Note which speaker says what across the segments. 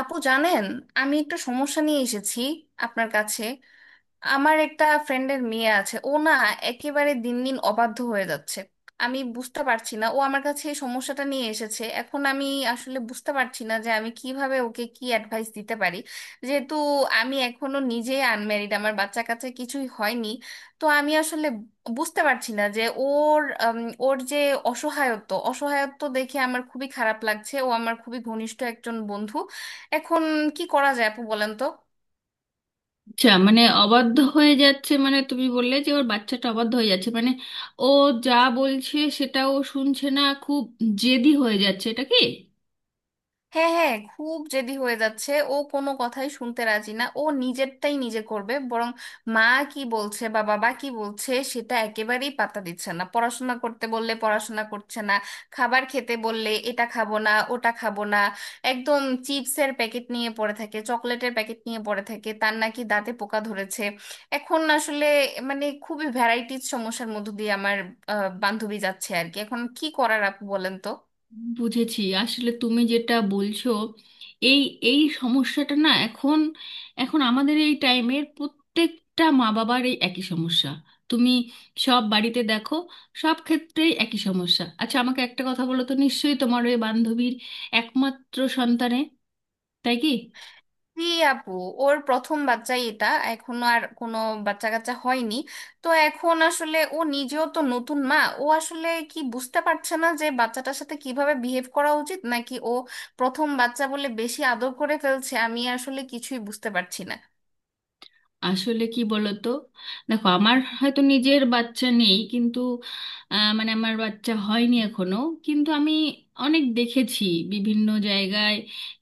Speaker 1: আপু জানেন আমি একটা সমস্যা নিয়ে এসেছি আপনার কাছে। আমার একটা ফ্রেন্ডের মেয়ে আছে, ও না একেবারে দিন দিন অবাধ্য হয়ে যাচ্ছে। আমি বুঝতে পারছি না, ও আমার কাছে এই সমস্যাটা নিয়ে এসেছে। এখন আমি আসলে বুঝতে পারছি না যে আমি কিভাবে ওকে কি অ্যাডভাইস দিতে পারি, যেহেতু আমি এখনো নিজে আনম্যারিড, আমার বাচ্চা কাচ্চা কিছুই হয়নি। তো আমি আসলে বুঝতে পারছি না যে ওর ওর যে অসহায়ত্ব অসহায়ত্ব দেখে আমার খুবই খারাপ লাগছে। ও আমার খুবই ঘনিষ্ঠ একজন বন্ধু। এখন কি করা যায় আপু বলেন তো?
Speaker 2: আচ্ছা, মানে অবাধ্য হয়ে যাচ্ছে, মানে তুমি বললে যে ওর বাচ্চাটা অবাধ্য হয়ে যাচ্ছে, মানে ও যা বলছে সেটা ও শুনছে না, খুব জেদি হয়ে যাচ্ছে, এটা কি?
Speaker 1: হ্যাঁ হ্যাঁ, খুব জেদি হয়ে যাচ্ছে, ও কোনো কথাই শুনতে রাজি না, ও নিজেরটাই নিজে করবে। বরং মা কি বলছে বা বাবা কি বলছে সেটা একেবারেই পাত্তা দিচ্ছে না। পড়াশোনা করতে বললে পড়াশোনা করছে না, খাবার খেতে বললে এটা খাবো না ওটা খাবো না, একদম চিপসের প্যাকেট নিয়ে পড়ে থাকে, চকলেটের প্যাকেট নিয়ে পড়ে থাকে, তার নাকি দাঁতে পোকা ধরেছে। এখন আসলে মানে খুবই ভ্যারাইটিজ সমস্যার মধ্য দিয়ে আমার বান্ধবী যাচ্ছে আর কি। এখন কি করার আপু বলেন তো?
Speaker 2: বুঝেছি। আসলে তুমি যেটা বলছো, এই এই সমস্যাটা না, এখন এখন আমাদের এই টাইমের প্রত্যেকটা মা বাবার এই একই সমস্যা। তুমি সব বাড়িতে দেখো, সব ক্ষেত্রেই একই সমস্যা। আচ্ছা, আমাকে একটা কথা বলো তো, নিশ্চয়ই তোমার ওই বান্ধবীর একমাত্র সন্তানে, তাই কি?
Speaker 1: জি আপু, ওর প্রথম বাচ্চাই এটা, এখনো আর কোনো বাচ্চা কাচ্চা হয়নি। তো এখন আসলে ও নিজেও তো নতুন মা, ও আসলে কি বুঝতে পারছে না যে বাচ্চাটার সাথে কিভাবে বিহেভ করা উচিত, নাকি ও প্রথম বাচ্চা বলে বেশি আদর করে ফেলছে। আমি আসলে কিছুই বুঝতে পারছি না।
Speaker 2: আসলে কি বলতো, দেখো আমার হয়তো নিজের বাচ্চা নেই, কিন্তু মানে আমার বাচ্চা হয়নি এখনো, কিন্তু আমি অনেক দেখেছি বিভিন্ন জায়গায়,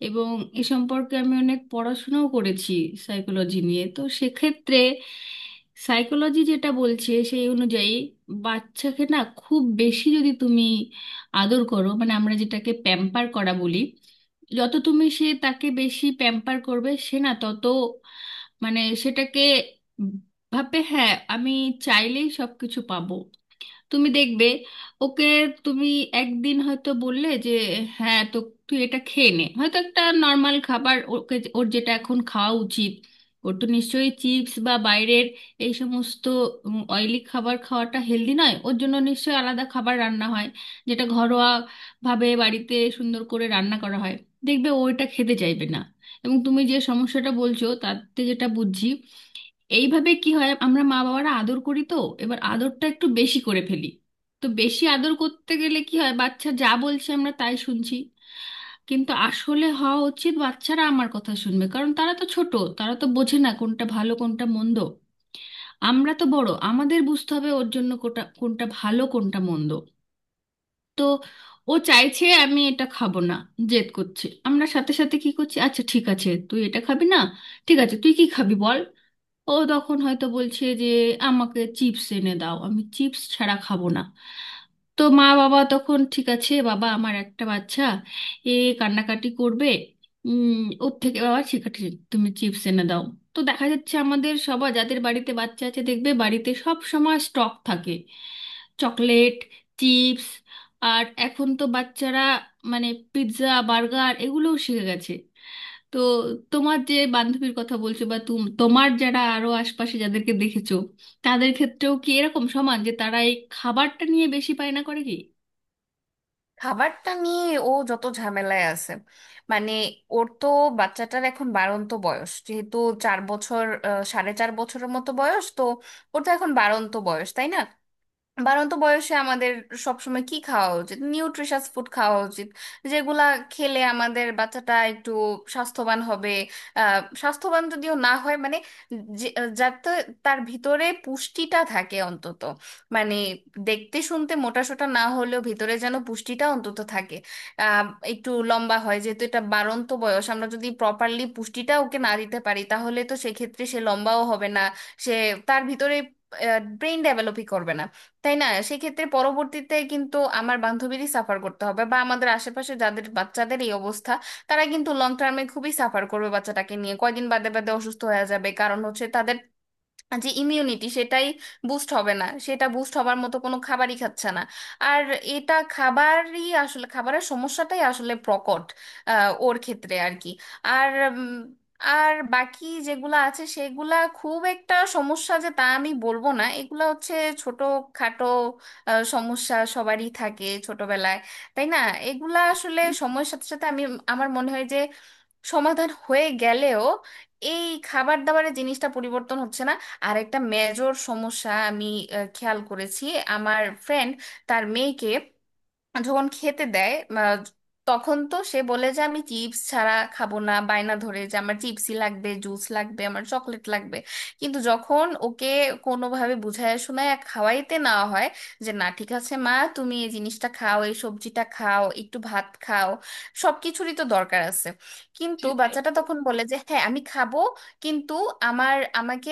Speaker 2: এবং এ সম্পর্কে আমি অনেক পড়াশোনাও করেছি সাইকোলজি নিয়ে। তো সেক্ষেত্রে সাইকোলজি যেটা বলছে সেই অনুযায়ী, বাচ্চাকে না খুব বেশি যদি তুমি আদর করো, মানে আমরা যেটাকে প্যাম্পার করা বলি, যত তুমি সে তাকে বেশি প্যাম্পার করবে, সে না তত মানে সেটাকে ভাবে, হ্যাঁ আমি চাইলেই সবকিছু পাবো। তুমি দেখবে ওকে, তুমি একদিন হয়তো বললে যে, হ্যাঁ তো তুই এটা খেয়ে নে, হয়তো একটা নর্মাল খাবার, ওকে ওর যেটা এখন খাওয়া উচিত। ওর তো নিশ্চয়ই চিপস বা বাইরের এই সমস্ত অয়েলি খাবার খাওয়াটা হেলদি নয়, ওর জন্য নিশ্চয়ই আলাদা খাবার রান্না হয়, যেটা ঘরোয়া ভাবে বাড়িতে সুন্দর করে রান্না করা হয়। দেখবে ও এটা খেতে চাইবে না। এবং তুমি যে সমস্যাটা বলছো, তাতে যেটা বুঝছি, এইভাবে কি হয়, আমরা মা বাবারা আদর করি তো, এবার আদরটা একটু বেশি করে ফেলি। তো বেশি আদর করতে গেলে কি হয়, বাচ্চা যা বলছে আমরা তাই শুনছি। কিন্তু আসলে হওয়া উচিত বাচ্চারা আমার কথা শুনবে, কারণ তারা তো ছোট, তারা তো বোঝে না কোনটা ভালো কোনটা মন্দ। আমরা তো বড়, আমাদের বুঝতে হবে ওর জন্য কোটা কোনটা ভালো কোনটা মন্দ। তো ও চাইছে আমি এটা খাবো না, জেদ করছে, আমরা সাথে সাথে কি করছি, আচ্ছা ঠিক আছে তুই এটা খাবি না, ঠিক আছে তুই কি খাবি বল। ও তখন হয়তো বলছে যে, আমাকে চিপস এনে দাও, আমি চিপস ছাড়া খাবো না। তো মা বাবা তখন, ঠিক আছে বাবা, আমার একটা বাচ্চা, এ কান্নাকাটি করবে, উম ওর থেকে বাবা ঠিক আছে, তুমি চিপস এনে দাও। তো দেখা যাচ্ছে আমাদের সবার যাদের বাড়িতে বাচ্চা আছে, দেখবে বাড়িতে সব সময় স্টক থাকে চকলেট, চিপস। আর এখন তো বাচ্চারা মানে পিৎজা, বার্গার এগুলোও শিখে গেছে। তো তোমার যে বান্ধবীর কথা বলছো, বা তোমার যারা আরো আশপাশে যাদেরকে দেখেছো, তাদের ক্ষেত্রেও কি এরকম সমান যে তারা এই খাবারটা নিয়ে বেশি বায়না করে কি?
Speaker 1: খাবারটা নিয়ে ও যত ঝামেলায় আছে, মানে ওর তো, বাচ্চাটার এখন বাড়ন্ত বয়স, যেহেতু চার বছর, সাড়ে চার বছরের মতো বয়স তো, ওর তো এখন বাড়ন্ত বয়স তাই না? বাড়ন্ত বয়সে আমাদের সবসময় কি খাওয়া উচিত, নিউট্রিশাস ফুড খাওয়া উচিত, যেগুলা খেলে আমাদের বাচ্চাটা একটু স্বাস্থ্যবান হবে। স্বাস্থ্যবান যদিও না হয়, মানে যে- যাতে তার ভিতরে পুষ্টিটা থাকে অন্তত, মানে দেখতে শুনতে মোটাসোটা না হলেও ভিতরে যেন পুষ্টিটা অন্তত থাকে। আহ, একটু লম্বা হয়, যেহেতু এটা বাড়ন্ত বয়স, আমরা যদি প্রপারলি পুষ্টিটা ওকে না দিতে পারি তাহলে তো সেক্ষেত্রে সে লম্বাও হবে না, সে তার ভিতরে ব্রেইন ডেভেলপই করবে না, তাই না? সেক্ষেত্রে পরবর্তীতে কিন্তু আমার বান্ধবীরই সাফার করতে হবে, বা আমাদের আশেপাশে যাদের বাচ্চাদের এই অবস্থা তারা কিন্তু লং টার্মে খুবই সাফার করবে, বাচ্চাটাকে নিয়ে কয়দিন বাদে বাদে অসুস্থ হয়ে যাবে, কারণ হচ্ছে তাদের যে ইমিউনিটি সেটাই বুস্ট হবে না, সেটা বুস্ট হবার মতো কোনো খাবারই খাচ্ছে না। আর এটা খাবারই আসলে, খাবারের সমস্যাটাই আসলে প্রকট ওর ক্ষেত্রে আর কি। আর উম, আর বাকি যেগুলা আছে সেগুলা খুব একটা সমস্যা যে তা আমি বলবো না, এগুলা হচ্ছে ছোট খাটো সমস্যা, সবারই থাকে ছোটবেলায় তাই না? এগুলা আসলে সময়ের সাথে সাথে, আমি, আমার মনে হয় যে সমাধান হয়ে গেলেও এই খাবার দাবারের জিনিসটা পরিবর্তন হচ্ছে না। আর একটা মেজর সমস্যা আমি খেয়াল করেছি। আমার ফ্রেন্ড তার মেয়েকে যখন খেতে দেয় তখন তো সে বলে যে আমি চিপস ছাড়া খাবো না, বায়না ধরে যে আমার চিপসই লাগবে, জুস লাগবে, আমার চকলেট লাগবে। কিন্তু যখন ওকে কোনোভাবে বুঝায় শোনায় খাওয়াইতে নেওয়া হয় যে না ঠিক আছে মা তুমি এই জিনিসটা খাও, এই সবজিটা খাও, একটু ভাত খাও, সব কিছুরই তো দরকার আছে, কিন্তু বাচ্চাটা তখন বলে যে হ্যাঁ আমি খাবো কিন্তু আমার, আমাকে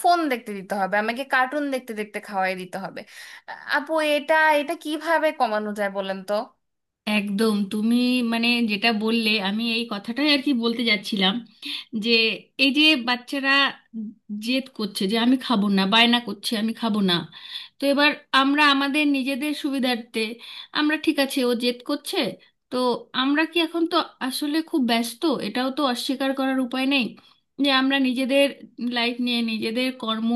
Speaker 1: ফোন দেখতে দিতে হবে, আমাকে কার্টুন দেখতে দেখতে খাওয়াই দিতে হবে। আপু এটা, এটা কিভাবে কমানো যায় বলেন তো?
Speaker 2: একদম, তুমি মানে যেটা বললে আমি এই কথাটাই আর কি বলতে যাচ্ছিলাম, যে এই যে বাচ্চারা জেদ করছে যে আমি খাবো না, বায়না করছে আমি খাবো না, তো এবার আমরা আমাদের নিজেদের সুবিধার্থে, আমরা ঠিক আছে ও জেদ করছে, তো আমরা কি, এখন তো আসলে খুব ব্যস্ত, এটাও তো অস্বীকার করার উপায় নেই, যে আমরা নিজেদের লাইফ নিয়ে, নিজেদের কর্ম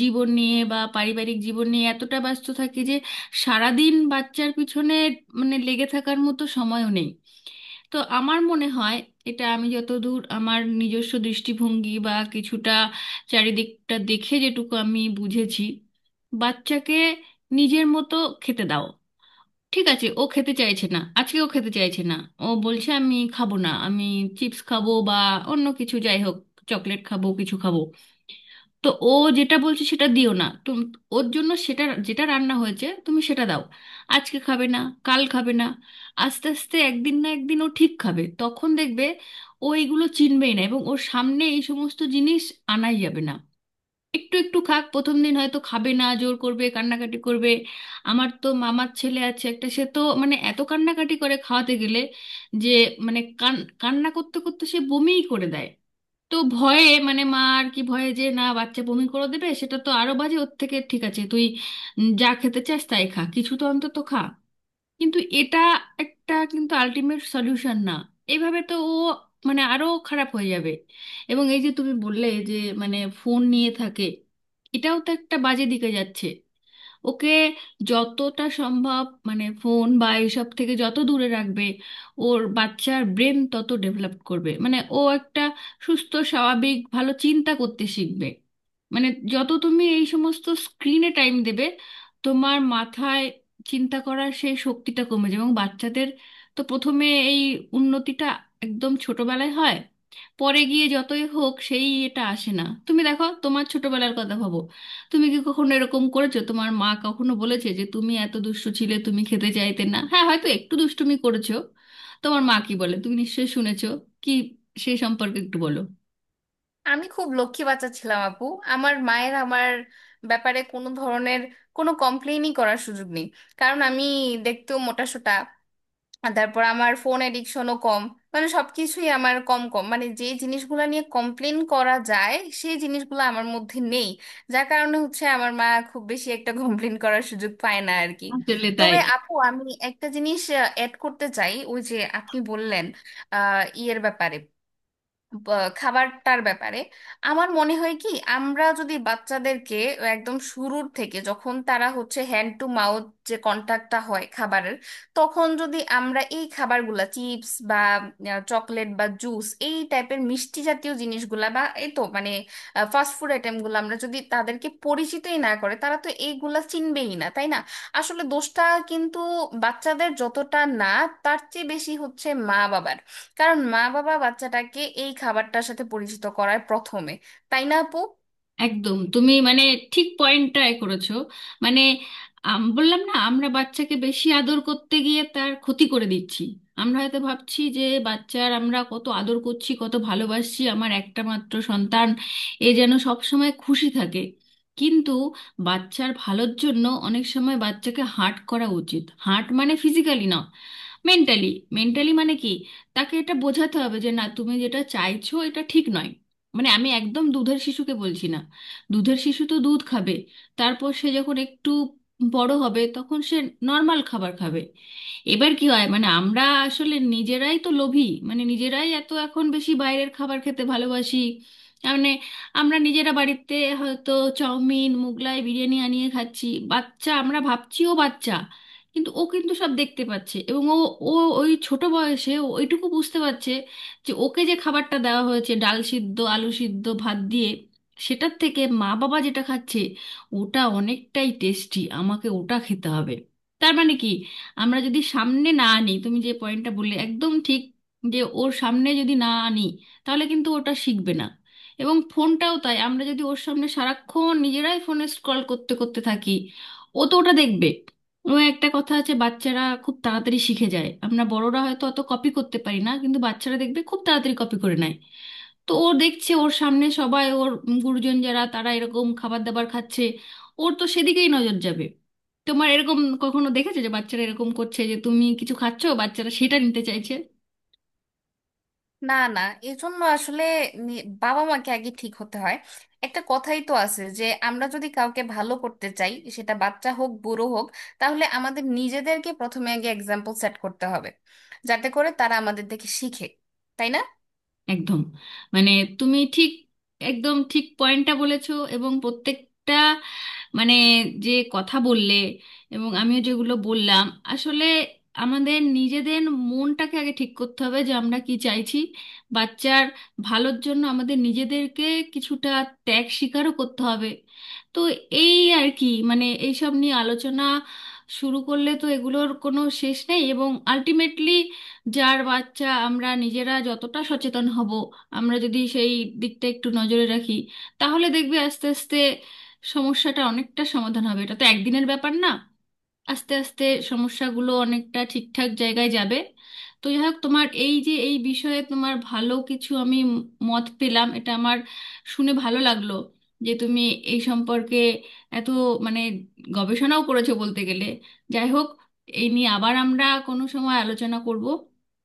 Speaker 2: জীবন নিয়ে বা পারিবারিক জীবন নিয়ে এতটা ব্যস্ত থাকি, সারাদিন বাচ্চার পিছনে মানে লেগে থাকার মতো সময়ও নেই। তো আমার মনে হয়, এটা আমি যতদূর আমার নিজস্ব দৃষ্টিভঙ্গি বা কিছুটা চারিদিকটা দেখে যেটুকু আমি বুঝেছি, বাচ্চাকে নিজের মতো খেতে দাও। ঠিক আছে ও খেতে চাইছে না, আজকে ও খেতে চাইছে না, ও বলছে আমি খাবো না, আমি চিপস খাবো বা অন্য কিছু, যাই হোক চকলেট খাবো, কিছু খাবো। তো ও যেটা বলছে সেটা দিও না তুমি, ওর জন্য সেটা যেটা রান্না হয়েছে তুমি সেটা দাও। আজকে খাবে না, কাল খাবে না, আস্তে আস্তে একদিন না একদিন ও ঠিক খাবে, তখন দেখবে ও এগুলো চিনবেই না, এবং ওর সামনে এই সমস্ত জিনিস আনাই যাবে না। একটু একটু খাক, প্রথম দিন হয়তো খাবে না, জোর করবে, কান্নাকাটি করবে। আমার তো মামার ছেলে আছে একটা, সে তো মানে এত কান্নাকাটি করে, খাওয়াতে গেলে যে মানে কান্না করতে করতে সে বমিই করে দেয়। তো ভয়ে মানে মা আর কি ভয়ে, যে না বাচ্চা বমি করে দেবে, সেটা তো আরো বাজে, ওর থেকে ঠিক আছে তুই যা খেতে চাস তাই খা, কিছু তো অন্তত খা। কিন্তু এটা একটা কিন্তু আলটিমেট সলিউশন না, এভাবে তো ও মানে আরো খারাপ হয়ে যাবে। এবং এই যে তুমি বললে যে মানে ফোন নিয়ে থাকে, এটাও তো একটা বাজে দিকে যাচ্ছে। ওকে যতটা সম্ভব মানে ফোন বা এইসব থেকে যত দূরে রাখবে, ওর বাচ্চার ব্রেন তত ডেভেলপ করবে, মানে ও একটা সুস্থ স্বাভাবিক ভালো চিন্তা করতে শিখবে। মানে যত তুমি এই সমস্ত স্ক্রিনে টাইম দেবে, তোমার মাথায় চিন্তা করার সেই শক্তিটা কমে যাবে। এবং বাচ্চাদের তো প্রথমে এই উন্নতিটা একদম ছোটবেলায় হয়, পরে গিয়ে যতই হোক সেই এটা আসে না। তুমি দেখো, তোমার ছোটবেলার কথা ভাবো, তুমি কি কখনো এরকম করেছো? তোমার মা কখনো বলেছে যে তুমি এত দুষ্টু ছিলে, তুমি খেতে চাইতে না, হ্যাঁ হয়তো একটু দুষ্টুমি করেছো, তোমার মা কি বলে তুমি নিশ্চয়ই শুনেছো, কি সেই সম্পর্কে একটু বলো।
Speaker 1: আমি খুব লক্ষ্মী বাচ্চা ছিলাম আপু, আমার মায়ের আমার ব্যাপারে কোনো ধরনের কোনো কমপ্লেইনই করার সুযোগ নেই, কারণ আমি দেখতেও মোটাসোটা, আর তারপর আমার ফোন এডিকশনও কম, মানে সবকিছুই আমার কম কম, মানে যে জিনিসগুলো নিয়ে কমপ্লেন করা যায় সেই জিনিসগুলো আমার মধ্যে নেই, যার কারণে হচ্ছে আমার মা খুব বেশি একটা কমপ্লেন করার সুযোগ পায় না আর কি।
Speaker 2: আসলে তাই,
Speaker 1: তবে আপু আমি একটা জিনিস অ্যাড করতে চাই, ওই যে আপনি বললেন ইয়ের ব্যাপারে, খাবারটার ব্যাপারে। আমার মনে হয় কি, আমরা যদি বাচ্চাদেরকে একদম শুরুর থেকে, যখন তারা হচ্ছে হ্যান্ড টু মাউথ, যে কন্টাক্টটা হয় খাবারের, তখন যদি আমরা এই খাবারগুলা চিপস বা চকলেট বা জুস এই টাইপের মিষ্টি জাতীয় জিনিসগুলা বা এই তো মানে ফাস্ট ফুড আইটেমগুলো আমরা যদি তাদেরকে পরিচিতই না করে, তারা তো এইগুলা চিনবেই না তাই না? আসলে দোষটা কিন্তু বাচ্চাদের যতটা না, তার চেয়ে বেশি হচ্ছে মা বাবার, কারণ মা বাবা বাচ্চাটাকে এই খাবারটার সাথে পরিচিত করায় প্রথমে, তাই না আপু?
Speaker 2: একদম তুমি মানে ঠিক পয়েন্টটাই করেছো। মানে বললাম না আমরা বাচ্চাকে বেশি আদর করতে গিয়ে তার ক্ষতি করে দিচ্ছি। আমরা হয়তো ভাবছি যে বাচ্চার আমরা কত আদর করছি, কত ভালোবাসছি, আমার একটা মাত্র সন্তান, এ যেন সব সময় খুশি থাকে। কিন্তু বাচ্চার ভালোর জন্য অনেক সময় বাচ্চাকে হার্ট করা উচিত। হার্ট মানে ফিজিক্যালি না, মেন্টালি। মেন্টালি মানে কি, তাকে এটা বোঝাতে হবে যে না তুমি যেটা চাইছো এটা ঠিক নয়। মানে আমি একদম দুধের শিশুকে বলছি না, দুধের শিশু তো দুধ খাবে। তারপর সে যখন একটু বড় হবে, তখন সে নর্মাল খাবার খাবে। এবার কি হয়, মানে আমরা আসলে নিজেরাই তো লোভী, মানে নিজেরাই এত এখন বেশি বাইরের খাবার খেতে ভালোবাসি। মানে আমরা নিজেরা বাড়িতে হয়তো চাউমিন, মুগলাই, বিরিয়ানি আনিয়ে খাচ্ছি। বাচ্চা, আমরা ভাবছি ও বাচ্চা, কিন্তু ও কিন্তু সব দেখতে পাচ্ছে এবং ও ও ওই ছোট বয়সে ও ওইটুকু বুঝতে পারছে যে ওকে যে খাবারটা দেওয়া হয়েছে ডাল সিদ্ধ, আলু সিদ্ধ, ভাত দিয়ে, সেটার থেকে মা বাবা যেটা খাচ্ছে ওটা অনেকটাই টেস্টি, আমাকে ওটা খেতে হবে। তার মানে কি, আমরা যদি সামনে না আনি, তুমি যে পয়েন্টটা বললে একদম ঠিক, যে ওর সামনে যদি না আনি তাহলে কিন্তু ওটা শিখবে না। এবং ফোনটাও তাই, আমরা যদি ওর সামনে সারাক্ষণ নিজেরাই ফোনে স্ক্রল করতে করতে থাকি, ও তো ওটা দেখবে। ও একটা কথা আছে, বাচ্চারা খুব তাড়াতাড়ি শিখে যায়, আমরা বড়রা হয়তো অত কপি করতে পারি না, কিন্তু বাচ্চারা দেখবে খুব তাড়াতাড়ি কপি করে নেয়। তো ও দেখছে ওর সামনে সবাই ওর গুরুজন যারা তারা এরকম খাবার দাবার খাচ্ছে, ওর তো সেদিকেই নজর যাবে। তোমার এরকম কখনো দেখেছো যে বাচ্চারা এরকম করছে যে তুমি কিছু খাচ্ছো বাচ্চারা সেটা নিতে চাইছে?
Speaker 1: না না, এজন্য আসলে বাবা মাকে আগে ঠিক হতে হয়। একটা কথাই তো আছে যে আমরা যদি কাউকে ভালো করতে চাই, সেটা বাচ্চা হোক বুড়ো হোক, তাহলে আমাদের নিজেদেরকে প্রথমে আগে এক্সাম্পল সেট করতে হবে, যাতে করে তারা আমাদের দেখে শিখে, তাই না?
Speaker 2: একদম, মানে তুমি ঠিক, একদম ঠিক পয়েন্টটা বলেছো, এবং প্রত্যেকটা মানে যে কথা বললে এবং আমিও যেগুলো বললাম, আসলে আমাদের নিজেদের মনটাকে আগে ঠিক করতে হবে যে আমরা কি চাইছি। বাচ্চার ভালোর জন্য আমাদের নিজেদেরকে কিছুটা ত্যাগ স্বীকারও করতে হবে। তো এই আর কি, মানে এইসব নিয়ে আলোচনা শুরু করলে তো এগুলোর কোনো শেষ নেই, এবং আলটিমেটলি যার বাচ্চা আমরা নিজেরা যতটা সচেতন হব, আমরা যদি সেই দিকটা একটু নজরে রাখি, তাহলে দেখবে আস্তে আস্তে সমস্যাটা অনেকটা সমাধান হবে, এটা তো একদিনের ব্যাপার না। আস্তে আস্তে সমস্যাগুলো অনেকটা ঠিকঠাক জায়গায় যাবে। তো যাই হোক, তোমার এই যে এই বিষয়ে তোমার ভালো কিছু আমি মত পেলাম, এটা আমার শুনে ভালো লাগলো, যে তুমি এই সম্পর্কে এত মানে গবেষণাও করেছো বলতে গেলে। যাই হোক, এই নিয়ে আবার আমরা কোনো সময় আলোচনা করব।